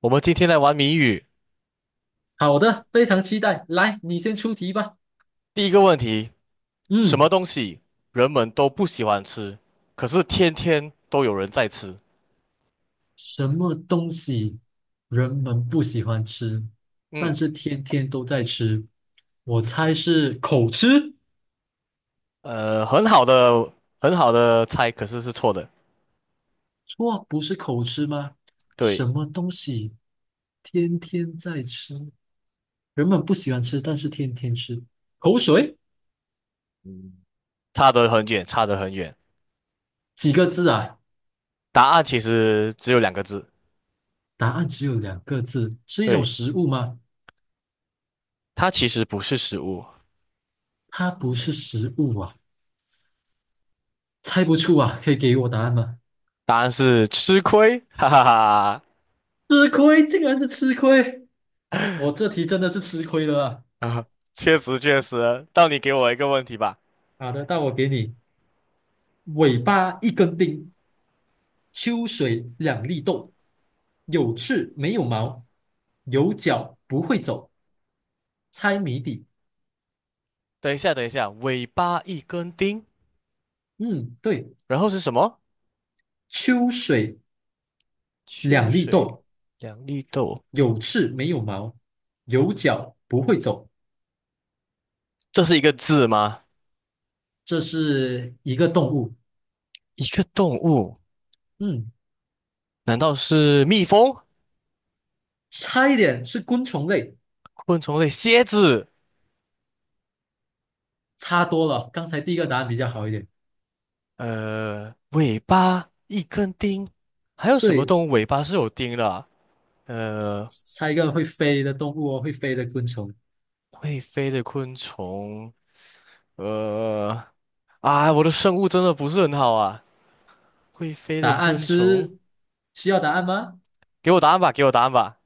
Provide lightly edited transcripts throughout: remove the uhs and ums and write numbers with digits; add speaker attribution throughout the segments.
Speaker 1: 我们今天来玩谜语。
Speaker 2: 好的，非常期待。来，你先出题吧。
Speaker 1: 第一个问题，什么
Speaker 2: 嗯，
Speaker 1: 东西人们都不喜欢吃，可是天天都有人在吃？
Speaker 2: 什么东西人们不喜欢吃，但
Speaker 1: 嗯，
Speaker 2: 是天天都在吃？我猜是口吃。
Speaker 1: 很好的，很好的猜，可是是错的。
Speaker 2: 错，不是口吃吗？什
Speaker 1: 对，
Speaker 2: 么东西天天在吃，人们不喜欢吃，但是天天吃？口水？
Speaker 1: 嗯差得很远，差得很远。
Speaker 2: 几个字啊？
Speaker 1: 答案其实只有两个字。
Speaker 2: 答案只有两个字，是一种
Speaker 1: 对，
Speaker 2: 食物吗？
Speaker 1: 它其实不是食物，
Speaker 2: 它不是食物啊，猜不出啊，可以给我答案吗？
Speaker 1: 答案是吃亏。哈哈哈哈
Speaker 2: 吃亏，竟然是吃亏。我这题真的是吃亏了啊！
Speaker 1: 啊，确实确实。到你给我一个问题吧。
Speaker 2: 好的，那我给你：尾巴一根钉，秋水两粒豆，有翅没有毛，有脚不会走。猜谜底。
Speaker 1: 等一下，等一下，尾巴一根钉，
Speaker 2: 嗯，对，
Speaker 1: 然后是什么？
Speaker 2: 秋水
Speaker 1: 秋
Speaker 2: 两粒
Speaker 1: 水
Speaker 2: 豆，
Speaker 1: 两粒豆，
Speaker 2: 有翅没有毛，有脚不会走。
Speaker 1: 这是一个字吗？
Speaker 2: 这是一个动物。
Speaker 1: 一个动物，
Speaker 2: 嗯，
Speaker 1: 难道是蜜蜂？
Speaker 2: 差一点是昆虫类，
Speaker 1: 昆虫类，蝎子，
Speaker 2: 差多了。刚才第一个答案比较好一点。
Speaker 1: 尾巴一根钉，还有什么
Speaker 2: 对，
Speaker 1: 动物尾巴是有钉的啊呃，
Speaker 2: 猜一个会飞的动物哦，会飞的昆虫。
Speaker 1: 会飞的昆虫，呃，啊，我的生物真的不是很好啊。会飞
Speaker 2: 答
Speaker 1: 的
Speaker 2: 案
Speaker 1: 昆虫，
Speaker 2: 是需要答案吗？
Speaker 1: 给我答案吧，给我答案吧。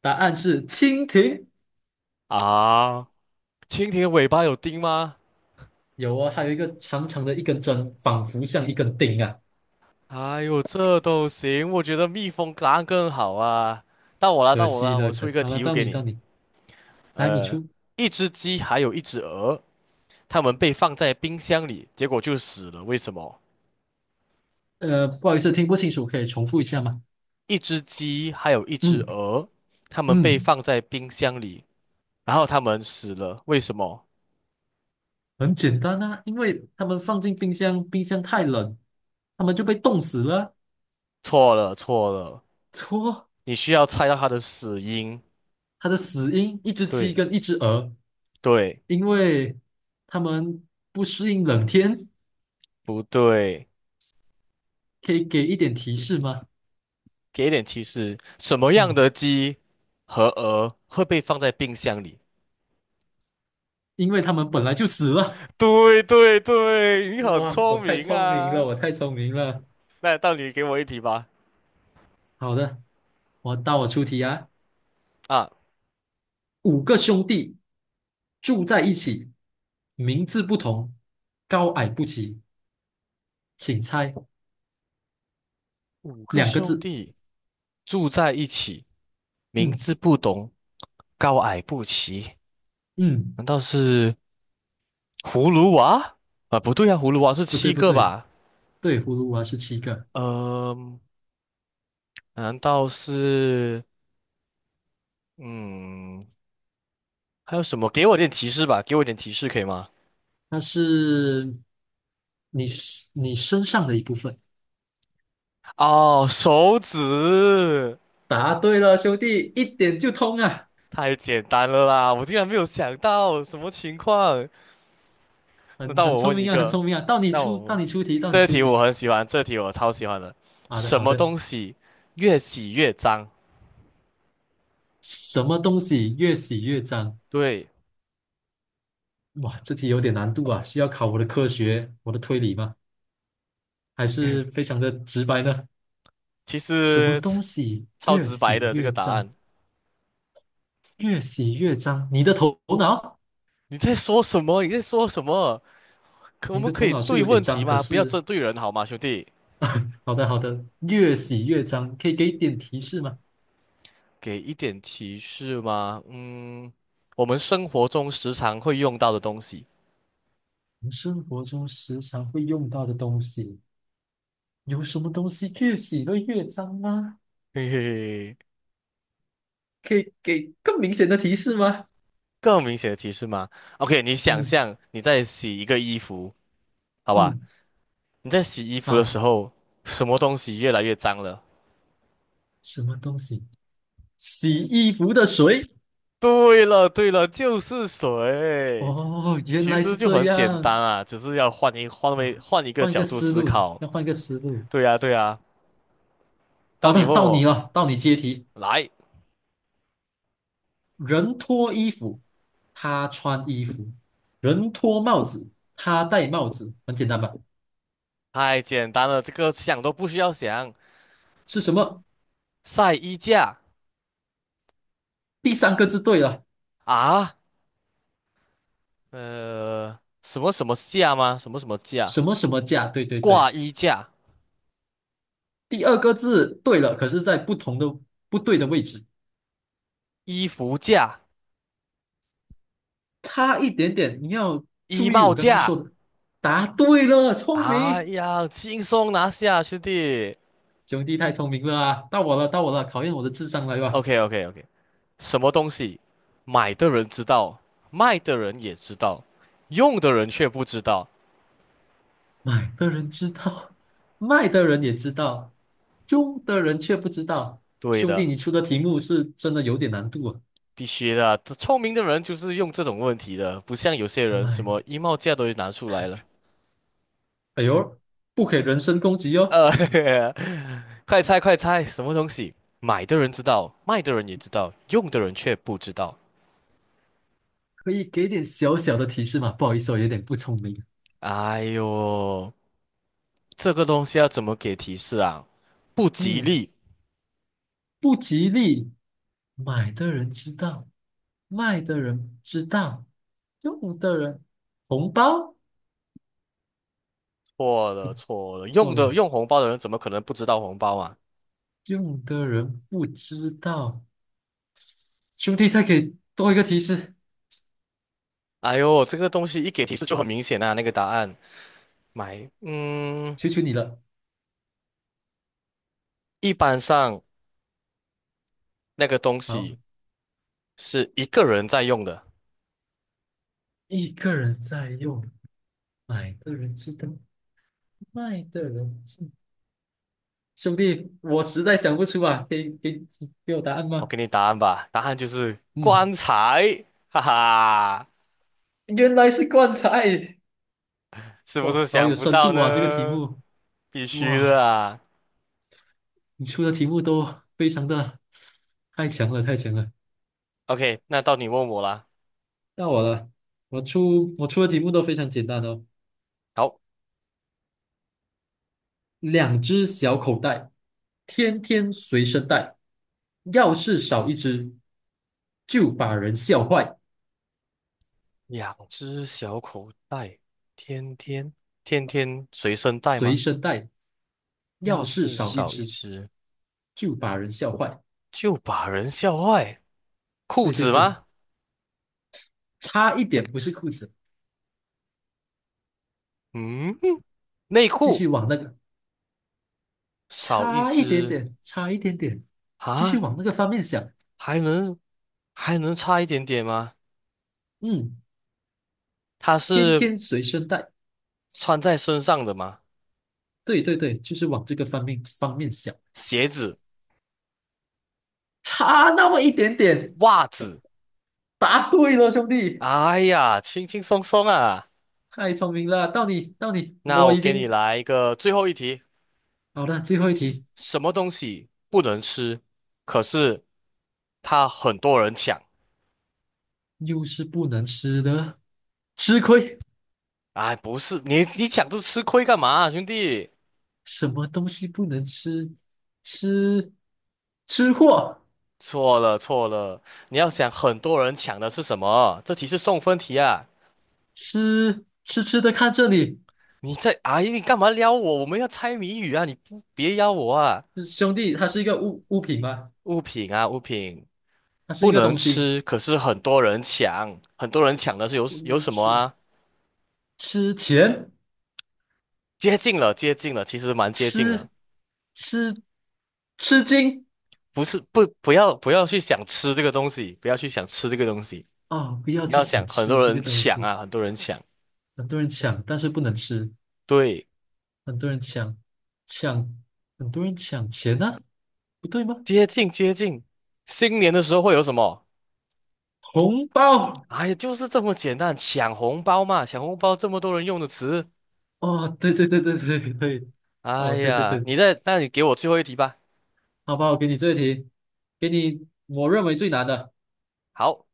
Speaker 2: 答案是蜻蜓。
Speaker 1: 啊，蜻蜓的尾巴有钉吗？
Speaker 2: 有啊，它有一个长长的一根针，仿佛像一根钉啊。
Speaker 1: 哎呦，这都行，我觉得蜜蜂答案更好啊。到我了，
Speaker 2: 可
Speaker 1: 到我
Speaker 2: 惜
Speaker 1: 了，
Speaker 2: 了，
Speaker 1: 我出
Speaker 2: 可
Speaker 1: 一个
Speaker 2: 好了，
Speaker 1: 题目
Speaker 2: 到
Speaker 1: 给
Speaker 2: 你到
Speaker 1: 你。
Speaker 2: 你，来你
Speaker 1: 呃，
Speaker 2: 出。
Speaker 1: 一只鸡还有一只鹅，它们被放在冰箱里，结果就死了。为什么？
Speaker 2: 不好意思，听不清楚，可以重复一下吗？
Speaker 1: 一只鸡还有一只
Speaker 2: 嗯
Speaker 1: 鹅，它们被
Speaker 2: 嗯，
Speaker 1: 放在冰箱里，然后它们死了。为什么？
Speaker 2: 很简单啊，因为他们放进冰箱，冰箱太冷，他们就被冻死了。
Speaker 1: 错了，错了，
Speaker 2: 错，
Speaker 1: 你需要猜到它的死因。
Speaker 2: 它的死因一只鸡
Speaker 1: 对，
Speaker 2: 跟一只鹅，
Speaker 1: 对，
Speaker 2: 因为他们不适应冷天，
Speaker 1: 不对？
Speaker 2: 可以给一点提示吗？
Speaker 1: 给一点提示，什么样
Speaker 2: 嗯。
Speaker 1: 的鸡和鹅会被放在冰箱里？
Speaker 2: 因为他们本来就死了。
Speaker 1: 对对对，你很
Speaker 2: 哇，我
Speaker 1: 聪
Speaker 2: 太
Speaker 1: 明
Speaker 2: 聪明了，
Speaker 1: 啊。
Speaker 2: 我太聪明了。
Speaker 1: 那到你给我一题吧。
Speaker 2: 好的，到我出题啊。
Speaker 1: 啊，
Speaker 2: 五个兄弟住在一起，名字不同，高矮不齐，请猜
Speaker 1: 五个
Speaker 2: 两个
Speaker 1: 兄
Speaker 2: 字。
Speaker 1: 弟住在一起，名
Speaker 2: 嗯
Speaker 1: 字不同，高矮不齐，
Speaker 2: 嗯，
Speaker 1: 难道是葫芦娃？啊，不对啊，葫芦娃是
Speaker 2: 不对
Speaker 1: 七
Speaker 2: 不
Speaker 1: 个
Speaker 2: 对，
Speaker 1: 吧？
Speaker 2: 对，葫芦娃是七个，
Speaker 1: 呃，难道是嗯，还有什么？给我点提示吧，给我点提示可以吗？
Speaker 2: 它是你你身上的一部分。
Speaker 1: 哦，手指，
Speaker 2: 答对了，兄弟，一点就通啊，
Speaker 1: 太简单了啦，我竟然没有想到什么情况。那
Speaker 2: 很
Speaker 1: 到
Speaker 2: 很
Speaker 1: 我
Speaker 2: 聪
Speaker 1: 问一
Speaker 2: 明啊，很
Speaker 1: 个，
Speaker 2: 聪明啊。到你
Speaker 1: 到我
Speaker 2: 出，到
Speaker 1: 问，
Speaker 2: 你出题，到你
Speaker 1: 这
Speaker 2: 出
Speaker 1: 题
Speaker 2: 题。
Speaker 1: 我很喜欢，这题我超喜欢的。
Speaker 2: 好的
Speaker 1: 什
Speaker 2: 好
Speaker 1: 么
Speaker 2: 的。
Speaker 1: 东西越洗越脏？
Speaker 2: 什么东西越洗越脏？
Speaker 1: 对，
Speaker 2: 哇，这题有点难度啊，需要考我的科学，我的推理吗？还是非常的直白呢？
Speaker 1: 其
Speaker 2: 什么
Speaker 1: 实超
Speaker 2: 东西越
Speaker 1: 直白
Speaker 2: 洗
Speaker 1: 的这个
Speaker 2: 越
Speaker 1: 答
Speaker 2: 脏，
Speaker 1: 案。
Speaker 2: 越洗越脏？你的头脑，
Speaker 1: 你在说什么？你在说什么？可我
Speaker 2: 你
Speaker 1: 们
Speaker 2: 的
Speaker 1: 可
Speaker 2: 头
Speaker 1: 以
Speaker 2: 脑是
Speaker 1: 对
Speaker 2: 有点
Speaker 1: 问题
Speaker 2: 脏，可
Speaker 1: 吗？不要
Speaker 2: 是，
Speaker 1: 针对人好吗，兄弟？
Speaker 2: 好的好的，越洗越脏，可以给点提示吗？
Speaker 1: 给一点提示吗？嗯，我们生活中时常会用到的东西。
Speaker 2: 我们生活中时常会用到的东西，有什么东西越洗会越脏吗？
Speaker 1: 嘿嘿嘿，
Speaker 2: 可以给更明显的提示吗？
Speaker 1: 更明显的提示吗？OK，你想
Speaker 2: 嗯
Speaker 1: 象你在洗一个衣服，好吧？
Speaker 2: 嗯，
Speaker 1: 你在洗衣服的时
Speaker 2: 好，
Speaker 1: 候，什么东西越来越脏了？
Speaker 2: 什么东西？洗衣服的水。
Speaker 1: 对了，对了，就是水。
Speaker 2: 哦，原
Speaker 1: 其
Speaker 2: 来
Speaker 1: 实
Speaker 2: 是
Speaker 1: 就
Speaker 2: 这
Speaker 1: 很简单
Speaker 2: 样
Speaker 1: 啊，只是要
Speaker 2: 啊！
Speaker 1: 换一个
Speaker 2: 换一个
Speaker 1: 角度
Speaker 2: 思
Speaker 1: 思
Speaker 2: 路，
Speaker 1: 考。
Speaker 2: 要换一个思路。
Speaker 1: 对呀，对呀。到
Speaker 2: 好
Speaker 1: 你
Speaker 2: 的，
Speaker 1: 问
Speaker 2: 到你
Speaker 1: 我，
Speaker 2: 了，到你接题。
Speaker 1: 来，
Speaker 2: 人脱衣服，他穿衣服；人脱帽子，他戴帽子。很简单吧？
Speaker 1: 太简单了，这个想都不需要想。
Speaker 2: 是什么？
Speaker 1: 晒衣架
Speaker 2: 第三个字对了，
Speaker 1: 啊，呃，什么什么架吗？什么什么架？
Speaker 2: 什么什么价？对对对，
Speaker 1: 挂衣架、
Speaker 2: 第二个字对了，可是在不对的位置，
Speaker 1: 衣服架、
Speaker 2: 差一点点。你要
Speaker 1: 衣
Speaker 2: 注意
Speaker 1: 帽
Speaker 2: 我刚刚说
Speaker 1: 架。
Speaker 2: 的，答对了，聪
Speaker 1: 哎
Speaker 2: 明。
Speaker 1: 呀，轻松拿下，兄弟。
Speaker 2: 兄弟太聪明了啊！到我了，到我了，考验我的智商来吧。
Speaker 1: OK，OK，OK。什么东西，买的人知道，卖的人也知道，用的人却不知道。
Speaker 2: 买的人知道，卖的人也知道，用的人却不知道。
Speaker 1: 对
Speaker 2: 兄弟，
Speaker 1: 的，
Speaker 2: 你出的题目是真的有点难度啊。
Speaker 1: 必须的啊，这聪明的人就是用这种问题的，不像有些人什
Speaker 2: 买，
Speaker 1: 么衣帽架都拿出来了。
Speaker 2: 哎
Speaker 1: 嗯
Speaker 2: 呦，不可以人身攻击哦，
Speaker 1: 呃，快猜快猜，什么东西，买的人知道，卖的人也知道，用的人却不知道。
Speaker 2: 可以给点小小的提示吗？不好意思，我有点不聪明。
Speaker 1: 哎呦，这个东西要怎么给提示啊？不吉
Speaker 2: 嗯，
Speaker 1: 利。
Speaker 2: 不吉利。买的人知道，卖的人知道，用的人红包
Speaker 1: 错
Speaker 2: 不
Speaker 1: 了错了，
Speaker 2: 错
Speaker 1: 用的，
Speaker 2: 了，
Speaker 1: 用红包的人怎么可能不知道红包啊？
Speaker 2: 用的人不知道。兄弟，再给多一个提示，
Speaker 1: 哎呦，这个东西一给提示就很明显啊，那个答案买，
Speaker 2: 求求你了。
Speaker 1: 一般上那个东
Speaker 2: 好，
Speaker 1: 西是一个人在用的。
Speaker 2: 一个人在用，买的人知道，卖的人知。兄弟，我实在想不出啊，给我答案
Speaker 1: 我
Speaker 2: 吗？
Speaker 1: 给你答案吧，答案就是
Speaker 2: 嗯，
Speaker 1: 棺材，哈哈，
Speaker 2: 原来是棺材。
Speaker 1: 是不
Speaker 2: 哇，
Speaker 1: 是
Speaker 2: 好
Speaker 1: 想
Speaker 2: 有
Speaker 1: 不
Speaker 2: 深
Speaker 1: 到
Speaker 2: 度啊，这个题
Speaker 1: 呢？
Speaker 2: 目。
Speaker 1: 必须的
Speaker 2: 哇，
Speaker 1: 啊。
Speaker 2: 你出的题目都非常的太强了，太强了。
Speaker 1: OK，那到你问我啦。
Speaker 2: 到我了，我出的题目都非常简单哦。
Speaker 1: 好，
Speaker 2: 两只小口袋，天天随身带。要是少一只，就把人笑坏。
Speaker 1: 两只小口袋，天天天天随身带
Speaker 2: 随
Speaker 1: 吗？
Speaker 2: 身带，
Speaker 1: 要
Speaker 2: 要是
Speaker 1: 是
Speaker 2: 少一
Speaker 1: 少一
Speaker 2: 只，
Speaker 1: 只，
Speaker 2: 就把人笑坏。
Speaker 1: 就把人笑坏。裤
Speaker 2: 对对
Speaker 1: 子
Speaker 2: 对，
Speaker 1: 吗？
Speaker 2: 差一点不是裤子，
Speaker 1: 嗯，内
Speaker 2: 继续
Speaker 1: 裤。
Speaker 2: 往那个，
Speaker 1: 少一
Speaker 2: 差一点
Speaker 1: 只
Speaker 2: 点，差一点点，继续
Speaker 1: 啊，
Speaker 2: 往那个方面想。
Speaker 1: 还能还能差一点点吗？
Speaker 2: 嗯，
Speaker 1: 它
Speaker 2: 天
Speaker 1: 是
Speaker 2: 天随身带，
Speaker 1: 穿在身上的吗？
Speaker 2: 对对对，就是往这个方面想，
Speaker 1: 鞋子、
Speaker 2: 差那么一点点，
Speaker 1: 袜子，
Speaker 2: 答对了，兄弟。
Speaker 1: 哎呀，轻轻松松啊。
Speaker 2: 太聪明了，到你，到你，
Speaker 1: 那
Speaker 2: 我
Speaker 1: 我
Speaker 2: 已
Speaker 1: 给你
Speaker 2: 经。
Speaker 1: 来一个最后一题，
Speaker 2: 好的，最后一题。
Speaker 1: 什么东西不能吃，可是它很多人抢？
Speaker 2: 又是不能吃的，吃亏，
Speaker 1: 哎，不是，你抢这吃亏干嘛兄弟？
Speaker 2: 什么东西不能吃？吃吃货，
Speaker 1: 错了错了，你要想很多人抢的是什么？这题是送分题啊。
Speaker 2: 痴痴的看这里，
Speaker 1: 你在，哎，你干嘛撩我？我们要猜谜语啊！你不别邀我啊！
Speaker 2: 兄弟，它是一个物品吗？
Speaker 1: 物品啊，物品
Speaker 2: 它是一
Speaker 1: 不
Speaker 2: 个
Speaker 1: 能
Speaker 2: 东西，
Speaker 1: 吃，可是很多人抢，很多人抢的是有
Speaker 2: 不
Speaker 1: 有
Speaker 2: 能
Speaker 1: 什么
Speaker 2: 吃。
Speaker 1: 啊？
Speaker 2: 吃钱，
Speaker 1: 接近了，接近了，其实蛮接近了。
Speaker 2: 吃吃吃惊
Speaker 1: 不要不要去想吃这个东西，不要去想吃这个东西，
Speaker 2: 啊！不要
Speaker 1: 你
Speaker 2: 去
Speaker 1: 要想
Speaker 2: 想
Speaker 1: 很
Speaker 2: 吃
Speaker 1: 多
Speaker 2: 这个
Speaker 1: 人
Speaker 2: 东
Speaker 1: 抢
Speaker 2: 西，
Speaker 1: 啊，很多人抢。
Speaker 2: 很多人抢，但是不能吃，
Speaker 1: 对，
Speaker 2: 很多人抢，很多人抢钱呢、不对吗？
Speaker 1: 接近接近，新年的时候会有什么？
Speaker 2: 红包。
Speaker 1: 哎呀，就是这么简单，抢红包嘛，抢红包这么多人用的词。
Speaker 2: 哦，对对对对对对，
Speaker 1: 哎
Speaker 2: 哦，对对
Speaker 1: 呀，
Speaker 2: 对，
Speaker 1: 你在，那你给我最后一题吧。
Speaker 2: 好吧，我给你这一题，给你我认为最难的，
Speaker 1: 好，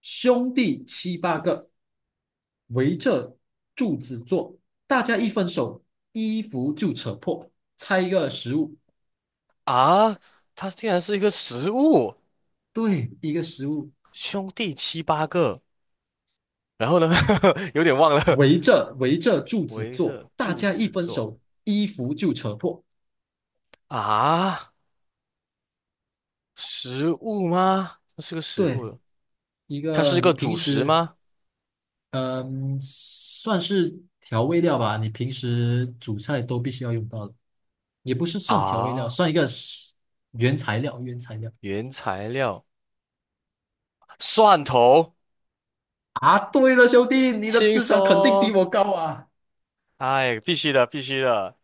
Speaker 2: 兄弟七八个围着柱子坐，大家一分手，衣服就扯破，猜一个食物，
Speaker 1: 啊，它竟然是一个食物，
Speaker 2: 对，一个食物，
Speaker 1: 兄弟七八个，然后呢，有点忘了，
Speaker 2: 围着柱子
Speaker 1: 围
Speaker 2: 坐，
Speaker 1: 着
Speaker 2: 大
Speaker 1: 柱
Speaker 2: 家一
Speaker 1: 子
Speaker 2: 分
Speaker 1: 做
Speaker 2: 手，衣服就扯破，
Speaker 1: 啊，食物吗？这是个食
Speaker 2: 对，
Speaker 1: 物，
Speaker 2: 一
Speaker 1: 它
Speaker 2: 个
Speaker 1: 是一
Speaker 2: 你
Speaker 1: 个
Speaker 2: 平
Speaker 1: 主食
Speaker 2: 时
Speaker 1: 吗？
Speaker 2: 嗯，算是调味料吧。你平时煮菜都必须要用到的，也不是算调味料，
Speaker 1: 啊，
Speaker 2: 算一个是原材料。原材料
Speaker 1: 原材料，蒜头，
Speaker 2: 啊，对了，兄弟，你的
Speaker 1: 轻
Speaker 2: 智商肯定比
Speaker 1: 松，
Speaker 2: 我高啊！
Speaker 1: 哎，必须的，必须的，